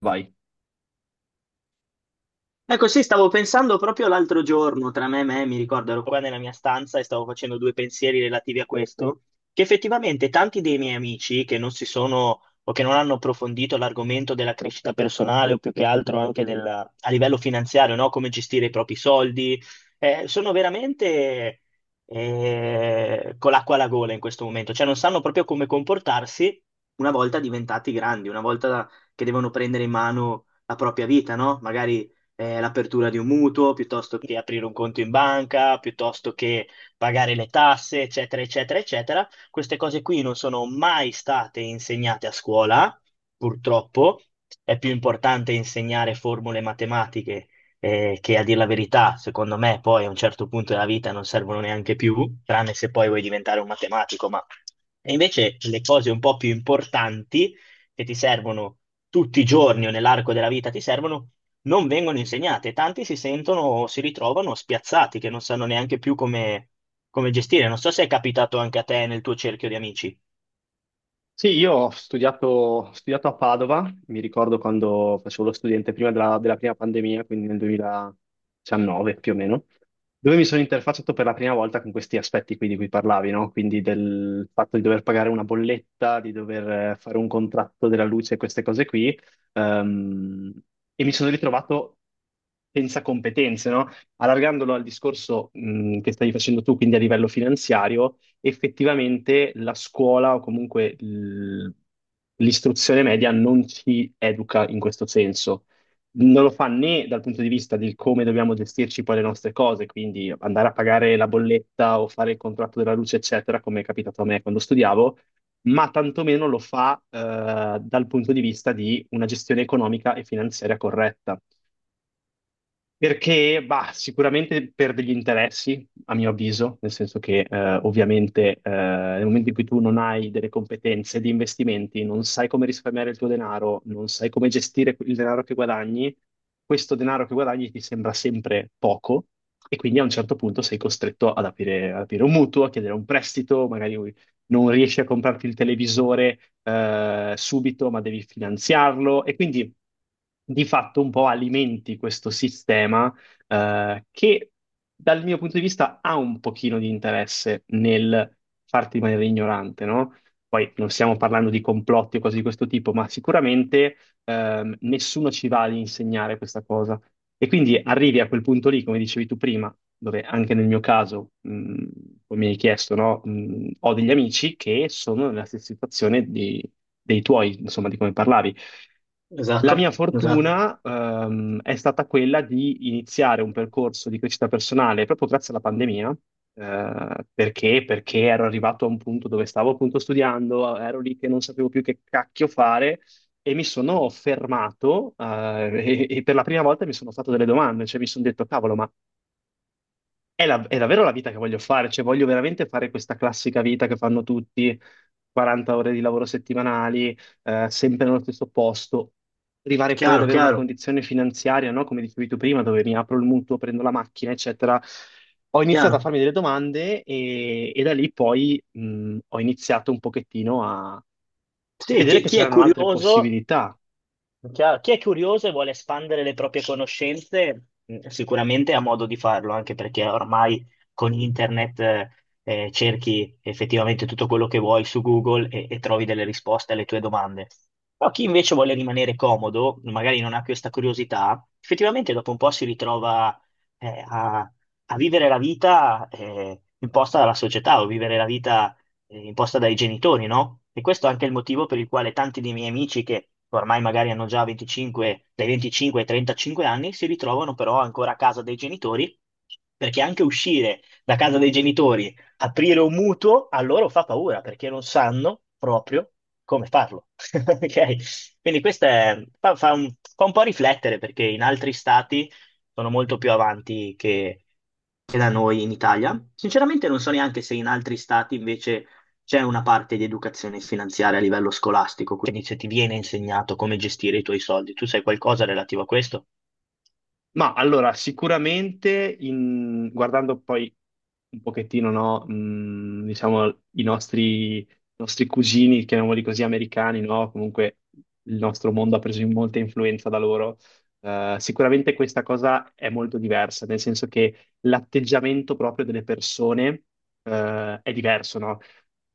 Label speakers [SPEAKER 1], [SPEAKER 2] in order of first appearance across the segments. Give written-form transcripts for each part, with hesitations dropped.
[SPEAKER 1] Vai.
[SPEAKER 2] Ecco, sì, stavo pensando proprio l'altro giorno, tra me e me. Mi ricordo, ero qua nella mia stanza e stavo facendo due pensieri relativi a questo, che effettivamente tanti dei miei amici che non si sono o che non hanno approfondito l'argomento della crescita personale o più che altro anche a livello finanziario, no? Come gestire i propri soldi, sono veramente con l'acqua alla gola in questo momento, cioè non sanno proprio come comportarsi una volta diventati grandi, una volta che devono prendere in mano la propria vita, no? Magari l'apertura di un mutuo, piuttosto che aprire un conto in banca, piuttosto che pagare le tasse, eccetera, eccetera, eccetera. Queste cose qui non sono mai state insegnate a scuola, purtroppo. È più importante insegnare formule matematiche, che a dire la verità, secondo me, poi a un certo punto della vita non servono neanche più, tranne se poi vuoi diventare un matematico, ma... E invece le cose un po' più importanti che ti servono tutti i giorni o nell'arco della vita ti servono, non vengono insegnate. Tanti si sentono, si ritrovano spiazzati, che non sanno neanche più come gestire. Non so se è capitato anche a te nel tuo cerchio di amici.
[SPEAKER 1] Sì, io ho studiato a Padova, mi ricordo quando facevo lo studente prima della prima pandemia, quindi nel 2019 più o meno, dove mi sono interfacciato per la prima volta con questi aspetti qui di cui parlavi, no? Quindi del fatto di dover pagare una bolletta, di dover fare un contratto della luce, queste cose qui, ehm, e mi sono ritrovato senza competenze, no? Allargandolo al discorso, che stavi facendo tu, quindi a livello finanziario. Effettivamente la scuola o comunque l'istruzione media non ci educa in questo senso. Non lo fa né dal punto di vista del come dobbiamo gestirci poi le nostre cose, quindi andare a pagare la bolletta o fare il contratto della luce, eccetera, come è capitato a me quando studiavo, ma tantomeno lo fa dal punto di vista di una gestione economica e finanziaria corretta. Perché, bah, sicuramente per degli interessi, a mio avviso, nel senso che ovviamente nel momento in cui tu non hai delle competenze di investimenti, non sai come risparmiare il tuo denaro, non sai come gestire il denaro che guadagni, questo denaro che guadagni ti sembra sempre poco e quindi a un certo punto sei costretto ad aprire un mutuo, a chiedere un prestito, magari non riesci a comprarti il televisore subito, ma devi finanziarlo e quindi di fatto un po' alimenti questo sistema che dal mio punto di vista ha un pochino di interesse nel farti rimanere ignorante, no? Poi non stiamo parlando di complotti o cose di questo tipo, ma sicuramente nessuno ci va ad insegnare questa cosa. E quindi arrivi a quel punto lì, come dicevi tu prima, dove anche nel mio caso, come mi hai chiesto, no? Ho degli amici che sono nella stessa situazione dei tuoi, insomma, di come parlavi. La mia
[SPEAKER 2] Esatto, esatto.
[SPEAKER 1] fortuna, è stata quella di iniziare un percorso di crescita personale proprio grazie alla pandemia, perché? Perché ero arrivato a un punto dove stavo appunto studiando, ero lì che non sapevo più che cacchio fare e mi sono fermato, e per la prima volta mi sono fatto delle domande, cioè mi sono detto, cavolo, ma è davvero la vita che voglio fare, cioè voglio veramente fare questa classica vita che fanno tutti, 40 ore di lavoro settimanali, sempre nello stesso posto, arrivare poi ad
[SPEAKER 2] Chiaro,
[SPEAKER 1] avere una
[SPEAKER 2] chiaro,
[SPEAKER 1] condizione finanziaria, no? Come dicevi tu prima, dove mi apro il mutuo, prendo la macchina, eccetera. Ho iniziato a
[SPEAKER 2] chiaro.
[SPEAKER 1] farmi delle domande e da lì poi ho iniziato un pochettino a
[SPEAKER 2] Sì,
[SPEAKER 1] vedere che
[SPEAKER 2] chi è
[SPEAKER 1] c'erano altre
[SPEAKER 2] curioso.
[SPEAKER 1] possibilità.
[SPEAKER 2] Chiaro. Chi è curioso e vuole espandere le proprie conoscenze, sicuramente ha modo di farlo, anche perché ormai con internet cerchi effettivamente tutto quello che vuoi su Google e trovi delle risposte alle tue domande. Però chi invece vuole rimanere comodo, magari non ha questa curiosità, effettivamente dopo un po' si ritrova eh, a, a vivere la vita imposta dalla società o vivere la vita imposta dai genitori, no? E questo è anche il motivo per il quale tanti dei miei amici che ormai magari hanno già 25, dai 25 ai 35 anni si ritrovano però ancora a casa dei genitori, perché anche uscire da casa dei genitori, aprire un mutuo, a loro fa paura, perché non sanno proprio come farlo. Ok? Quindi fa fa un po' riflettere, perché in altri stati sono molto più avanti che da noi in Italia. Sinceramente non so neanche se in altri stati invece c'è una parte di educazione finanziaria a livello scolastico, quindi se ti viene insegnato come gestire i tuoi soldi, tu sai qualcosa relativo a questo?
[SPEAKER 1] Ma allora, sicuramente guardando poi un pochettino, no, diciamo, i nostri cugini, chiamiamoli così, americani, no? Comunque il nostro mondo ha preso in molta influenza da loro. Sicuramente questa cosa è molto diversa, nel senso che l'atteggiamento proprio delle persone, è diverso, no?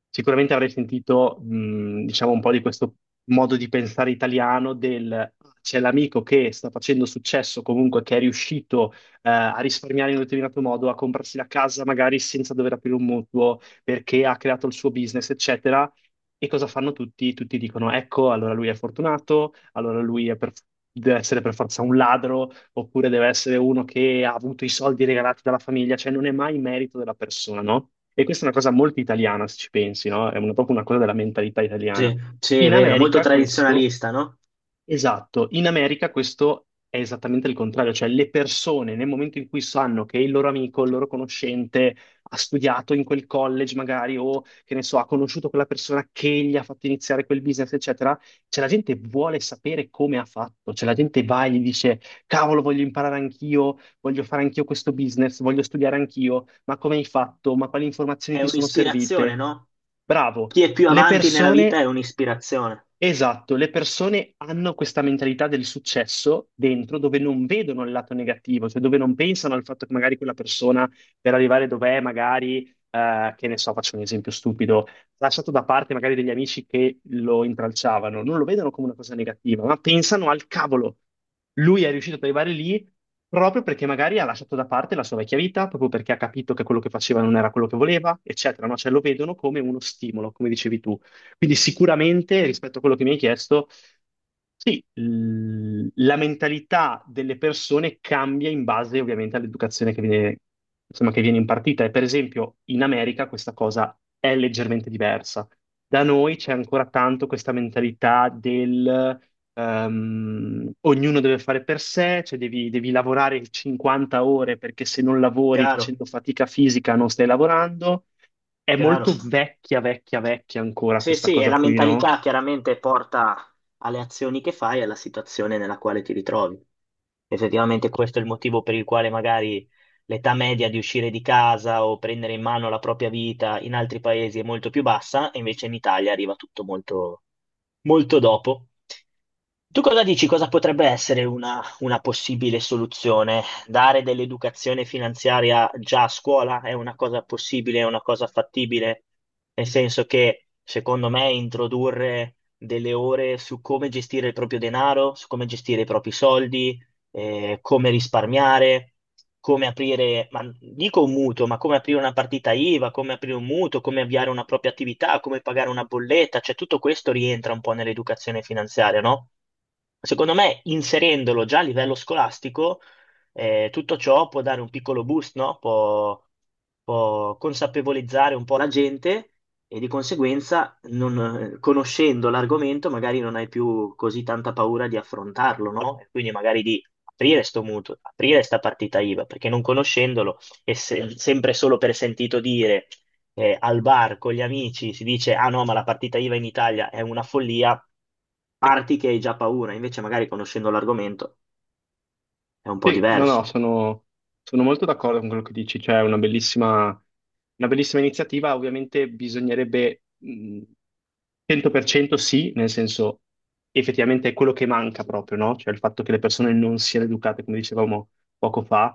[SPEAKER 1] Sicuramente avrei sentito, diciamo, un po' di questo modo di pensare italiano del "Ah, c'è l'amico che sta facendo successo comunque, che è riuscito, a risparmiare in un determinato modo, a comprarsi la casa magari senza dover aprire un mutuo perché ha creato il suo business, eccetera. E cosa fanno tutti? Tutti dicono, ecco, allora lui è fortunato, allora deve essere per forza un ladro, oppure deve essere uno che ha avuto i soldi regalati dalla famiglia, cioè non è mai merito della persona, no? E questa è una cosa molto italiana, se ci pensi, no? È proprio una cosa della mentalità italiana.
[SPEAKER 2] Sì, sì, è
[SPEAKER 1] In
[SPEAKER 2] vero, molto
[SPEAKER 1] America questo
[SPEAKER 2] tradizionalista, no?
[SPEAKER 1] Esatto, in America questo è esattamente il contrario, cioè le persone nel momento in cui sanno che il loro amico, il loro conoscente ha studiato in quel college magari o che ne so, ha conosciuto quella persona che gli ha fatto iniziare quel business, eccetera, cioè la gente vuole sapere come ha fatto, cioè la gente va e gli dice cavolo, voglio imparare anch'io, voglio fare anch'io questo business, voglio studiare anch'io, ma come hai fatto? Ma quali informazioni
[SPEAKER 2] È
[SPEAKER 1] ti sono
[SPEAKER 2] un'ispirazione,
[SPEAKER 1] servite?
[SPEAKER 2] no?
[SPEAKER 1] Bravo.
[SPEAKER 2] Chi è più
[SPEAKER 1] Le
[SPEAKER 2] avanti nella vita
[SPEAKER 1] persone
[SPEAKER 2] è un'ispirazione.
[SPEAKER 1] Esatto, le persone hanno questa mentalità del successo dentro dove non vedono il lato negativo, cioè dove non pensano al fatto che magari quella persona per arrivare dov'è, magari, che ne so, faccio un esempio stupido, ha lasciato da parte magari degli amici che lo intralciavano, non lo vedono come una cosa negativa, ma pensano al cavolo, lui è riuscito ad arrivare lì proprio perché magari ha lasciato da parte la sua vecchia vita, proprio perché ha capito che quello che faceva non era quello che voleva, eccetera, no? Cioè lo vedono come uno stimolo, come dicevi tu. Quindi sicuramente rispetto a quello che mi hai chiesto, sì, la mentalità delle persone cambia in base ovviamente all'educazione che viene, insomma, che viene impartita. E per esempio in America questa cosa è leggermente diversa. Da noi c'è ancora tanto questa mentalità del ognuno deve fare per sé, cioè devi lavorare 50 ore perché se non lavori
[SPEAKER 2] Chiaro,
[SPEAKER 1] facendo fatica fisica non stai lavorando. È
[SPEAKER 2] chiaro.
[SPEAKER 1] molto vecchia, vecchia, vecchia ancora
[SPEAKER 2] Sì,
[SPEAKER 1] questa
[SPEAKER 2] sì, è
[SPEAKER 1] cosa
[SPEAKER 2] la
[SPEAKER 1] qui, no?
[SPEAKER 2] mentalità chiaramente porta alle azioni che fai e alla situazione nella quale ti ritrovi. Effettivamente questo è il motivo per il quale magari l'età media di uscire di casa o prendere in mano la propria vita in altri paesi è molto più bassa, e invece in Italia arriva tutto molto, molto dopo. Tu cosa dici? Cosa potrebbe essere una possibile soluzione? Dare dell'educazione finanziaria già a scuola è una cosa possibile, è una cosa fattibile, nel senso che secondo me introdurre delle ore su come gestire il proprio denaro, su come gestire i propri soldi, come risparmiare, come aprire, ma dico un mutuo, ma come aprire una partita IVA, come aprire un mutuo, come avviare una propria attività, come pagare una bolletta, cioè tutto questo rientra un po' nell'educazione finanziaria, no? Secondo me, inserendolo già a livello scolastico, tutto ciò può dare un piccolo boost, no? Può consapevolizzare un po' la gente e di conseguenza, conoscendo l'argomento, magari non hai più così tanta paura di affrontarlo, no? E quindi magari di aprire sto mutuo, aprire sta partita IVA, perché non conoscendolo sempre solo per sentito dire, al bar con gli amici si dice, ah no, ma la partita IVA in Italia è una follia, parti che hai già paura, invece magari conoscendo l'argomento è un po'
[SPEAKER 1] Sì, no, no,
[SPEAKER 2] diverso.
[SPEAKER 1] sono, sono molto d'accordo con quello che dici, cioè è una bellissima iniziativa, ovviamente bisognerebbe 100% sì, nel senso effettivamente è quello che manca proprio, no? Cioè il fatto che le persone non siano educate, come dicevamo poco fa,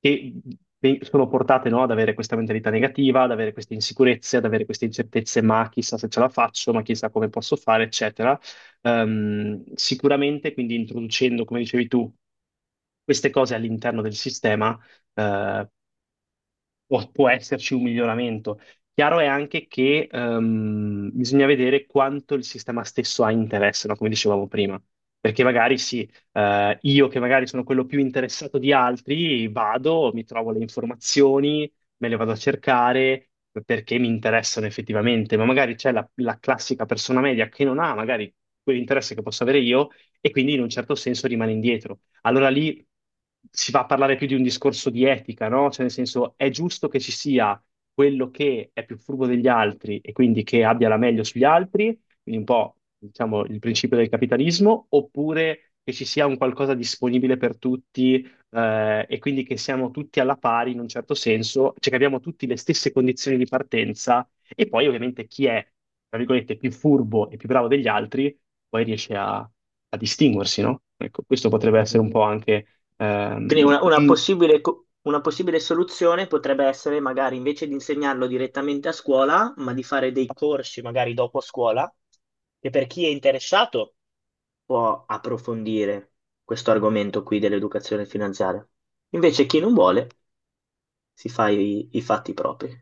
[SPEAKER 1] che mhmm, sono portate, no, ad avere questa mentalità negativa, ad avere queste insicurezze, ad avere queste incertezze, ma chissà se ce la faccio, ma chissà come posso fare, eccetera. Sicuramente, quindi introducendo, come dicevi tu, queste cose all'interno del sistema, eh, può esserci un miglioramento. Chiaro è anche che bisogna vedere quanto il sistema stesso ha interesse, no? Come dicevamo prima. Perché magari sì, io che magari sono quello più interessato di altri, vado, mi trovo le informazioni, me le vado a cercare perché mi interessano effettivamente, ma magari c'è la classica persona media che non ha magari quell'interesse che posso avere io e quindi in un certo senso rimane indietro, allora lì si va a parlare più di un discorso di etica, no? Cioè, nel senso, è giusto che ci sia quello che è più furbo degli altri e quindi che abbia la meglio sugli altri, quindi un po', diciamo, il principio del capitalismo, oppure che ci sia un qualcosa disponibile per tutti, e quindi che siamo tutti alla pari in un certo senso, cioè che abbiamo tutti le stesse condizioni di partenza e poi ovviamente chi è, tra virgolette, più furbo e più bravo degli altri poi riesce a distinguersi, no? Ecco, questo potrebbe essere
[SPEAKER 2] Mhm.
[SPEAKER 1] un po' anche
[SPEAKER 2] Quindi
[SPEAKER 1] ehm,
[SPEAKER 2] una
[SPEAKER 1] un-
[SPEAKER 2] una possibile soluzione potrebbe essere magari invece di insegnarlo direttamente a scuola, ma di fare dei corsi magari dopo scuola, che per chi è interessato può approfondire questo argomento qui dell'educazione finanziaria. Invece chi non vuole si fa i fatti propri.